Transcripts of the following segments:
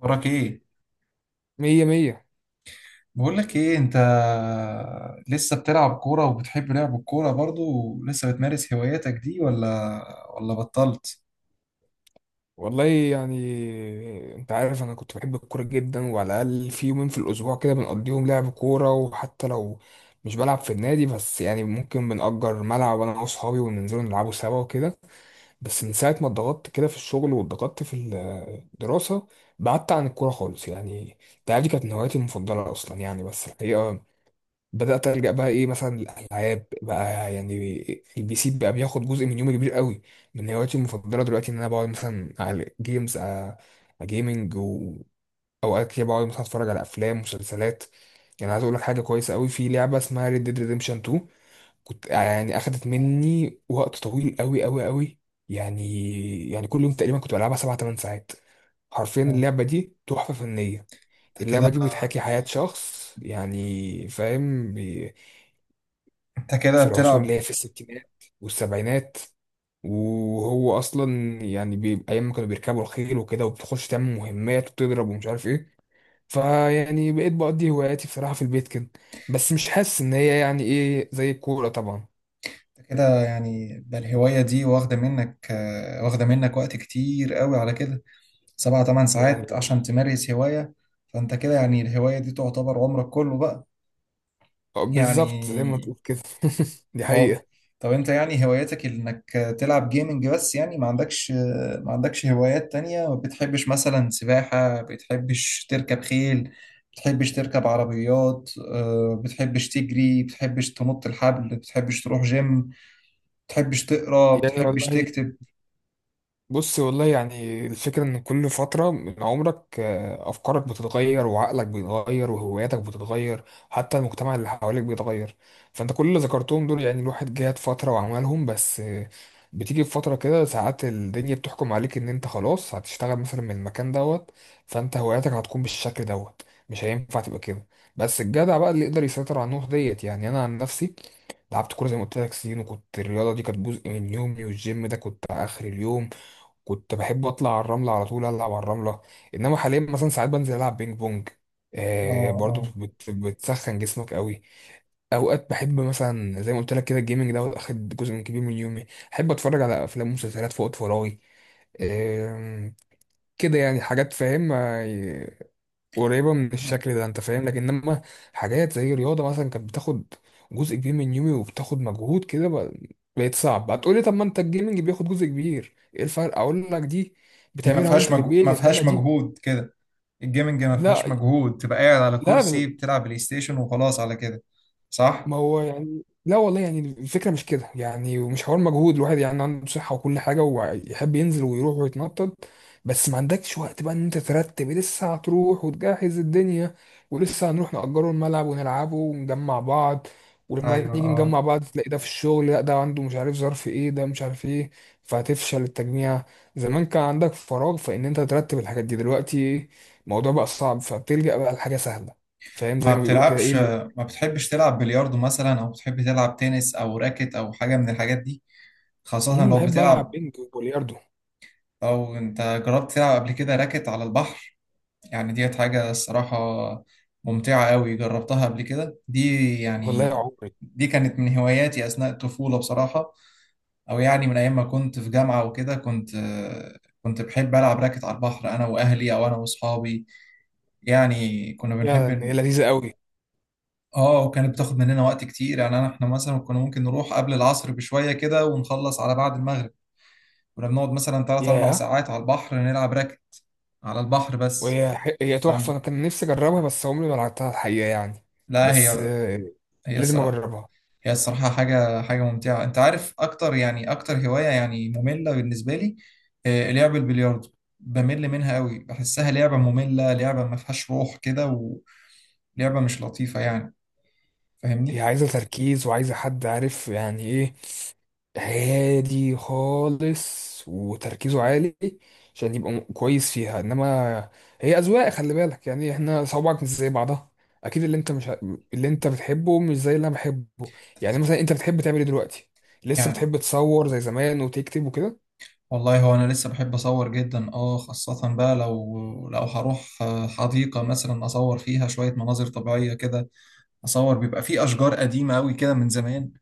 وراك ايه؟ مية مية. بقول لك ايه انت، لسه بتلعب كوره وبتحب لعب الكوره برضو؟ ولسه بتمارس هواياتك دي ولا بطلت؟ والله يعني انت عارف انا كنت بحب الكورة جدا، وعلى الاقل في يومين في الاسبوع كده بنقضيهم لعب كورة، وحتى لو مش بلعب في النادي بس يعني ممكن بنأجر ملعب انا واصحابي وننزلوا نلعبوا سوا وكده. بس من ساعة ما اتضغطت كده في الشغل واتضغطت في الدراسة بعدت عن الكورة خالص. يعني انت عارف دي كانت من هواياتي المفضلة اصلا، يعني بس الحقيقة بدأت ألجأ بقى إيه، مثلا الألعاب بقى يعني، البي سي بقى بياخد جزء من يومي كبير قوي. من هواياتي المفضلة دلوقتي إن أنا بقعد مثلا على جيمز جيمنج، وأوقات كده بقعد مثلا أتفرج على أفلام مسلسلات. يعني عايز أقول لك حاجة كويسة قوي، في لعبة اسمها Red Dead Redemption 2. كنت يعني أخدت مني وقت طويل قوي قوي قوي. يعني كل يوم تقريبا كنت بلعبها 7 8 ساعات. حرفيا آه. اللعبة دي تحفة فنية. انت اللعبة كده دي بتحكي حياة شخص، يعني فاهم، انت كده في العصور بتلعب. اللي هي في الستينات والسبعينات، وهو اصلا يعني ايام ما كانوا بيركبوا الخيل وكده، وبتخش تعمل مهمات وتضرب ومش عارف ايه. فيعني بقيت بقضي هواياتي بصراحة في البيت كده، بس مش حاسس ان هي يعني ايه زي الكورة طبعا. انت كده يعني ده الهوايه، دي واخده منك، واخده منك وقت كتير قوي على كده، سبعة تمن يعني ساعات عشان تمارس هوايه؟ فانت كده يعني الهوايه دي تعتبر عمرك كله بقى، بالظبط زي ما يعني. تقول كده. دي اه. حقيقة. طب انت يعني هواياتك انك تلعب جيمنج بس؟ يعني ما عندكش هوايات تانية؟ ما بتحبش مثلا سباحة؟ بتحبش تركب خيل؟ بتحبش تركب عربيات، بتحبش تجري؟ بتحبش تنط الحبل؟ بتحبش تروح جيم؟ بتحبش تقرا؟ يعني بتحبش والله تكتب؟ بص، والله يعني الفكرة إن كل فترة من عمرك أفكارك بتتغير، وعقلك بيتغير، وهواياتك بتتغير، حتى المجتمع اللي حواليك بيتغير. فأنت كل اللي ذكرتهم دول يعني الواحد جات فترة وعملهم، بس بتيجي في فترة كده ساعات الدنيا بتحكم عليك إن أنت خلاص هتشتغل مثلا من المكان دوت، فأنت هواياتك هتكون بالشكل دوت، مش هينفع تبقى كده. بس الجدع بقى اللي يقدر يسيطر على النقطة ديت. يعني أنا عن نفسي لعبت كورة زي ما قلت لك سنين، وكنت الرياضة دي كانت جزء من يومي، والجيم ده كنت آخر اليوم. كنت بحب اطلع على الرمله على طول العب على الرمله. انما حاليا مثلا ساعات بنزل العب بينج بونج، اه، آه برضو اه. بتسخن جسمك قوي. اوقات بحب مثلا زي ما قلت لك كده الجيمنج ده واخد جزء من كبير من يومي، احب اتفرج على افلام ومسلسلات في وقت فراغي. آه كده يعني حاجات فاهم، قريبه من الشكل ده انت فاهم، لكن انما حاجات زي الرياضه مثلا كانت بتاخد جزء كبير من يومي وبتاخد مجهود كده، بقت صعب. هتقولي طب ما انت الجيمنج بياخد جزء كبير، ايه الفرق؟ اقول لك دي دي بتعملها وانت في ما البيت، انما فيهاش دي مجهود كده. الجيمنج ما فيهاش لا. مجهود، تبقى قاعد على لا كرسي بتلعب بلاي ستيشن وخلاص على كده، صح؟ ما هو يعني، لا والله يعني الفكرة مش كده يعني، ومش حوار مجهود، الواحد يعني عنده صحة وكل حاجة، ويحب ينزل ويروح ويتنطط، بس ما عندكش وقت بقى ان انت ترتب، لسه هتروح وتجهز الدنيا، ولسه هنروح نأجره الملعب ونلعبه ونجمع بعض، ولما ايوه، نيجي اه. نجمع بعض تلاقي ده في الشغل، لا ده عنده مش عارف ظرف ايه، ده مش عارف ايه، فهتفشل التجميع. زمان كان عندك فراغ فان انت ترتب الحاجات دي، دلوقتي الموضوع بقى صعب، فبتلجأ بقى لحاجة سهلة. فاهم ما زي ما بيقولوا كده بتلعبش؟ ايه. ما بتحبش تلعب بلياردو مثلا، او بتحب تلعب تنس او راكت او حاجة من الحاجات دي؟ خاصة لو بحب ألعب بتلعب. بينج وبلياردو. او انت جربت تلعب قبل كده راكت على البحر؟ يعني ديت حاجة، الصراحة، ممتعة قوي، جربتها قبل كده دي، والله يا يعني. عمري دي كانت من هواياتي اثناء الطفولة، بصراحة، او يعني من ايام ما كنت في جامعة وكده، كنت بحب العب راكت على البحر انا واهلي او انا واصحابي، يعني كنا بنحب. فعلا هي لذيذة قوي. اه، وكانت بتاخد مننا وقت كتير، يعني انا احنا مثلا كنا ممكن نروح قبل العصر بشوية كده ونخلص على بعد المغرب، كنا بنقعد مثلا 3 4 ياه، ساعات على البحر نلعب راكت على البحر بس. هي تحفة. فاهم. أنا كان نفسي أجربها بس عمري ما لعبتها الحقيقة يعني. لا، بس هي هي لازم الصراحة، أجربها. هي الصراحة حاجة حاجة ممتعة. انت عارف اكتر، يعني اكتر هواية يعني مملة بالنسبة لي، لعب البلياردو، بمل منها قوي، بحسها لعبة مملة، لعبة ما فيهاش روح كده، ولعبة مش لطيفة، يعني، هي فاهمني. عايزة تركيز، وعايزة حد عارف يعني إيه، هادي خالص وتركيزه عالي، عشان يبقى كويس فيها. انما هي اذواق، خلي بالك يعني، احنا صوابعك مش زي بعضها. اكيد اللي انت مش اللي انت بتحبه مش زي اللي انا بحبه. يعني مثلا انت بتحب تعمل ايه دلوقتي؟ لسه يعني بتحب تصور زي زمان وتكتب وكده؟ والله، هو انا لسه بحب اصور جدا، اه، خاصة بقى لو هروح، حديقة مثلا، اصور فيها شوية مناظر طبيعية كده، اصور بيبقى في اشجار قديمة قوي كده من زمان.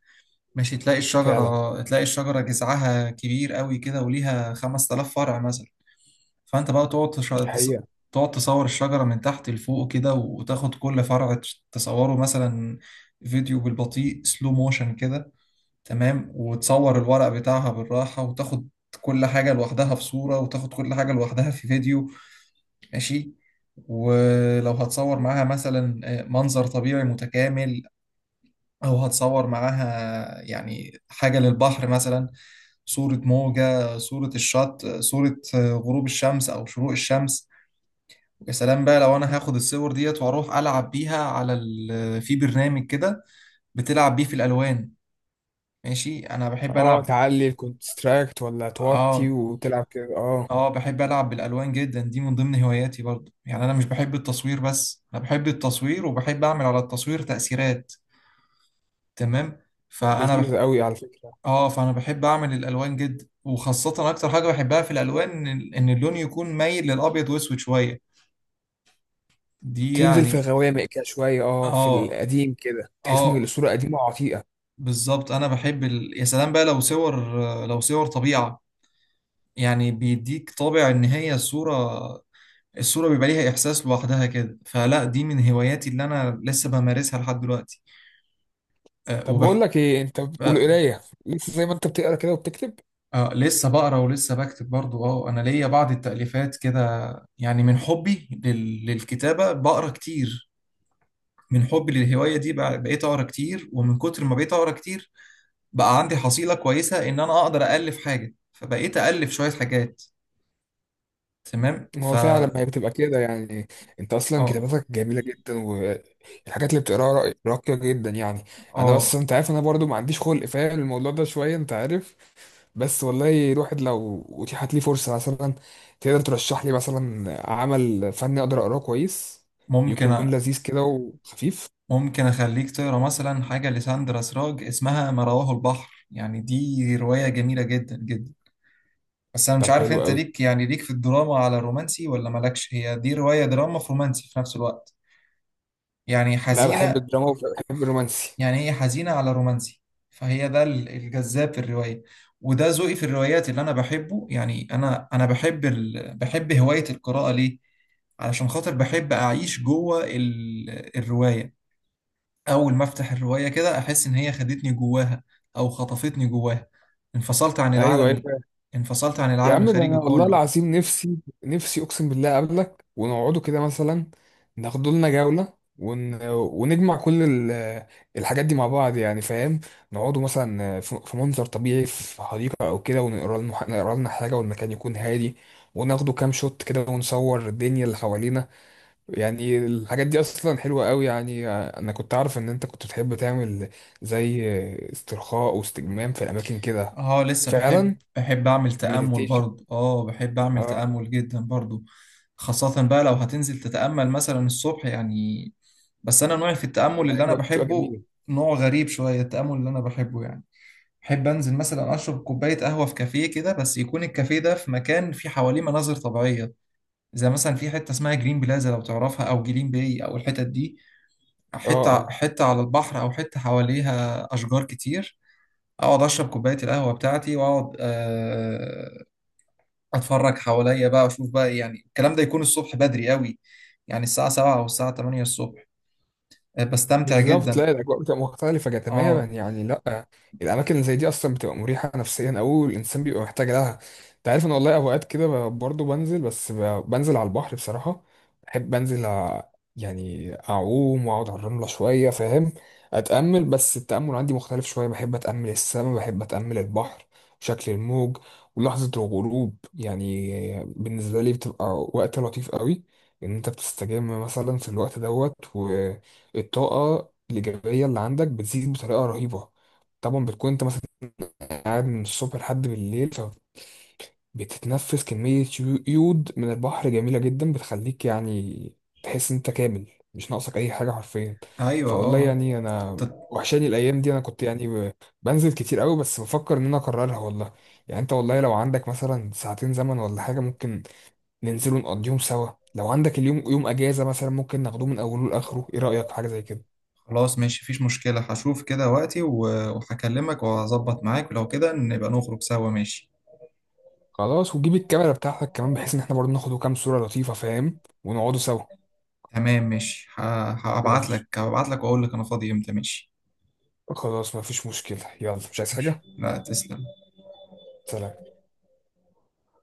ماشي، تلاقي فعلا، الشجرة تلاقي الشجرة جذعها كبير قوي كده وليها 5000 فرع مثلا. فانت بقى دي حقيقة. تقعد تصور الشجرة من تحت لفوق كده، وتاخد كل فرع تصوره مثلا فيديو بالبطيء، سلو موشن كده، تمام، وتصور الورق بتاعها بالراحة، وتاخد كل حاجة لوحدها في صورة، وتاخد كل حاجة لوحدها في فيديو، ماشي. ولو هتصور معاها مثلا منظر طبيعي متكامل، أو هتصور معاها يعني حاجة للبحر مثلا، صورة موجة، صورة الشط، صورة غروب الشمس أو شروق الشمس. يا سلام بقى لو أنا هاخد الصور ديت وأروح ألعب بيها على ال... آه، في برنامج كده بتلعب بيه في الألوان، ماشي، أنا بحب اه، ألعب. تعلي الكونستراكت ولا توطي آه، وتلعب كده، اه. اه، بحب ألعب بالألوان جدا، دي من ضمن هواياتي برضو. يعني أنا مش بحب التصوير بس، أنا بحب التصوير وبحب أعمل على التصوير تأثيرات، تمام. فأنا بح... لذيذة قوي على فكرة. اه، فأنا بحب أعمل الألوان جدا، وخاصة أكتر حاجة بحبها في الألوان إن اللون يكون مايل للأبيض وأسود شوية، دي تنزل في يعني. الغوامق كده شوية، اه، في اه، القديم كده تحس ان اه، الصورة قديمة وعتيقة. بالظبط، أنا يا سلام بقى لو صور طبيعة، يعني بيديك طابع إن هي صورة، الصورة بيبقى ليها إحساس لوحدها كده. فلا، دي من هواياتي اللي أنا لسه بمارسها لحد دلوقتي. أه طب بقول لك ايه انت، آه والقرايه لسه زي ما انت بتقرا كده وبتكتب؟ لسه بقرا ولسه بكتب برضو، اه. أنا ليا بعض التأليفات كده، يعني من حبي للكتابة بقرا كتير، من حبي للهواية دي بقيت أقرا كتير، ومن كتر ما بقيت أقرا كتير، بقى عندي حصيلة كويسة إن أنا أقدر أألف حاجة، فبقيت أألف شوية حاجات، تمام. ما هو فعلا، ما هي بتبقى كده يعني. انت اصلا اه كتاباتك جميله جدا، والحاجات اللي بتقراها راقيه جدا يعني. انا اه. بس، انت عارف، انا برضو ما عنديش خلق فاهم الموضوع ده شويه، انت عارف. بس والله الواحد لو اتيحت لي فرصه مثلا، تقدر ترشح لي مثلا عمل فني اقدر اقراه كويس، ممكن يكون أ- لذيذ كده وخفيف؟ ممكن أخليك تقرأ مثلا حاجة لساندرا سراج، اسمها ما رواه البحر. يعني دي رواية جميلة جدا جدا، بس أنا مش طب عارف حلو أنت قوي. ليك، يعني ليك في الدراما على الرومانسي ولا مالكش، هي دي رواية دراما في رومانسي في نفس الوقت، يعني لا بحب حزينة، الدراما وبحب الرومانسي. يعني هي حزينة على رومانسي، فهي ده الجذاب في الرواية، وده ذوقي في الروايات اللي أنا بحبه. يعني أنا بحب هواية القراءة. ليه؟ علشان خاطر بحب أعيش الرواية. اول ما افتح الروايه كده، احس ان هي خدتني جواها، او خطفتني جواها، انفصلت عن ايوه، العالم ال- ايوه. انفصلت عن يا العالم عم ده الخارجي انا والله كله. العظيم نفسي، نفسي اقسم بالله اقابلك ونقعدوا كده مثلا، ناخدوا لنا جولة، ونجمع كل الحاجات دي مع بعض، يعني فاهم. نقعدوا مثلا في منظر طبيعي في حديقة او كده، ونقرا لنا نقرا لنا حاجة، والمكان يكون هادي، وناخدوا كام شوت كده، ونصور الدنيا اللي حوالينا. يعني الحاجات دي اصلا حلوة قوي، يعني انا كنت عارف ان انت كنت تحب تعمل زي استرخاء واستجمام في الاماكن كده. اه، لسه بحب فعلا، بحب اعمل تأمل مديتيشن. برضه، اه، بحب اعمل تأمل جدا برضه، خاصة بقى لو هتنزل تتأمل مثلا الصبح يعني. بس انا نوعي في التأمل اللي انا الاجواء بتبقى بحبه جميله. نوع غريب شوية. التأمل اللي انا بحبه يعني، بحب انزل مثلا اشرب كوباية قهوة في كافيه كده، بس يكون الكافيه ده في مكان فيه حواليه مناظر طبيعية، زي مثلا في حته اسمها جرين بلازا لو تعرفها، او جلين باي، او الحتت دي، اه، حته اه، حته على البحر او حته حواليها اشجار كتير، اقعد اشرب كوبايه القهوه بتاعتي واقعد اتفرج حواليا بقى، اشوف بقى، يعني الكلام ده يكون الصبح بدري قوي، يعني الساعه 7 او الساعه 8 الصبح، بستمتع بالظبط. جدا، لا الاجواء بتبقى مختلفه تماما اه. يعني، لا. الاماكن اللي زي دي اصلا بتبقى مريحه نفسيا، او الانسان بيبقى محتاج لها. انت عارف ان والله اوقات كده برضه بنزل، بس بنزل على البحر بصراحه. بحب انزل يعني اعوم واقعد على الرمله شويه، فاهم، اتامل. بس التامل عندي مختلف شويه، بحب اتامل السماء، بحب اتامل البحر، شكل الموج، ولحظه الغروب. يعني بالنسبه لي بتبقى وقت لطيف قوي، ان انت بتستجم مثلا في الوقت دوت. الطاقة الإيجابية اللي عندك بتزيد بطريقة رهيبة. طبعا بتكون أنت مثلا قاعد من الصبح لحد بالليل، فبتتنفس كمية يود من البحر جميلة جدا، بتخليك يعني تحس إن أنت كامل، مش ناقصك أي حاجة حرفيا. ايوه، فوالله اه. يعني أنا ت- وحشاني الأيام دي، أنا كنت يعني بنزل كتير قوي، بس بفكر إن أنا أكررها والله. يعني أنت والله لو عندك مثلا ساعتين زمن ولا حاجة، ممكن ننزل ونقضيهم سوا. لو عندك اليوم يوم أجازة مثلا، ممكن ناخدوه من أوله لآخره. إيه رأيك في حاجة زي كده؟ خلاص ماشي، مفيش مشكله، هشوف كده وقتي وهكلمك وهظبط معاك، ولو كده نبقى نخرج سوا، ماشي، خلاص، وتجيب الكاميرا بتاعتك كمان، بحيث ان احنا برضه ناخد كام صورة لطيفة، فاهم، ونقعدوا سوا. تمام، ماشي، هبعت مفيش، لك هبعت لك واقول لك انا فاضي امتى، ماشي، خلاص، مفيش مشكلة. يلا، مش عايز ماشي، حاجة. لا، تسلم. سلام.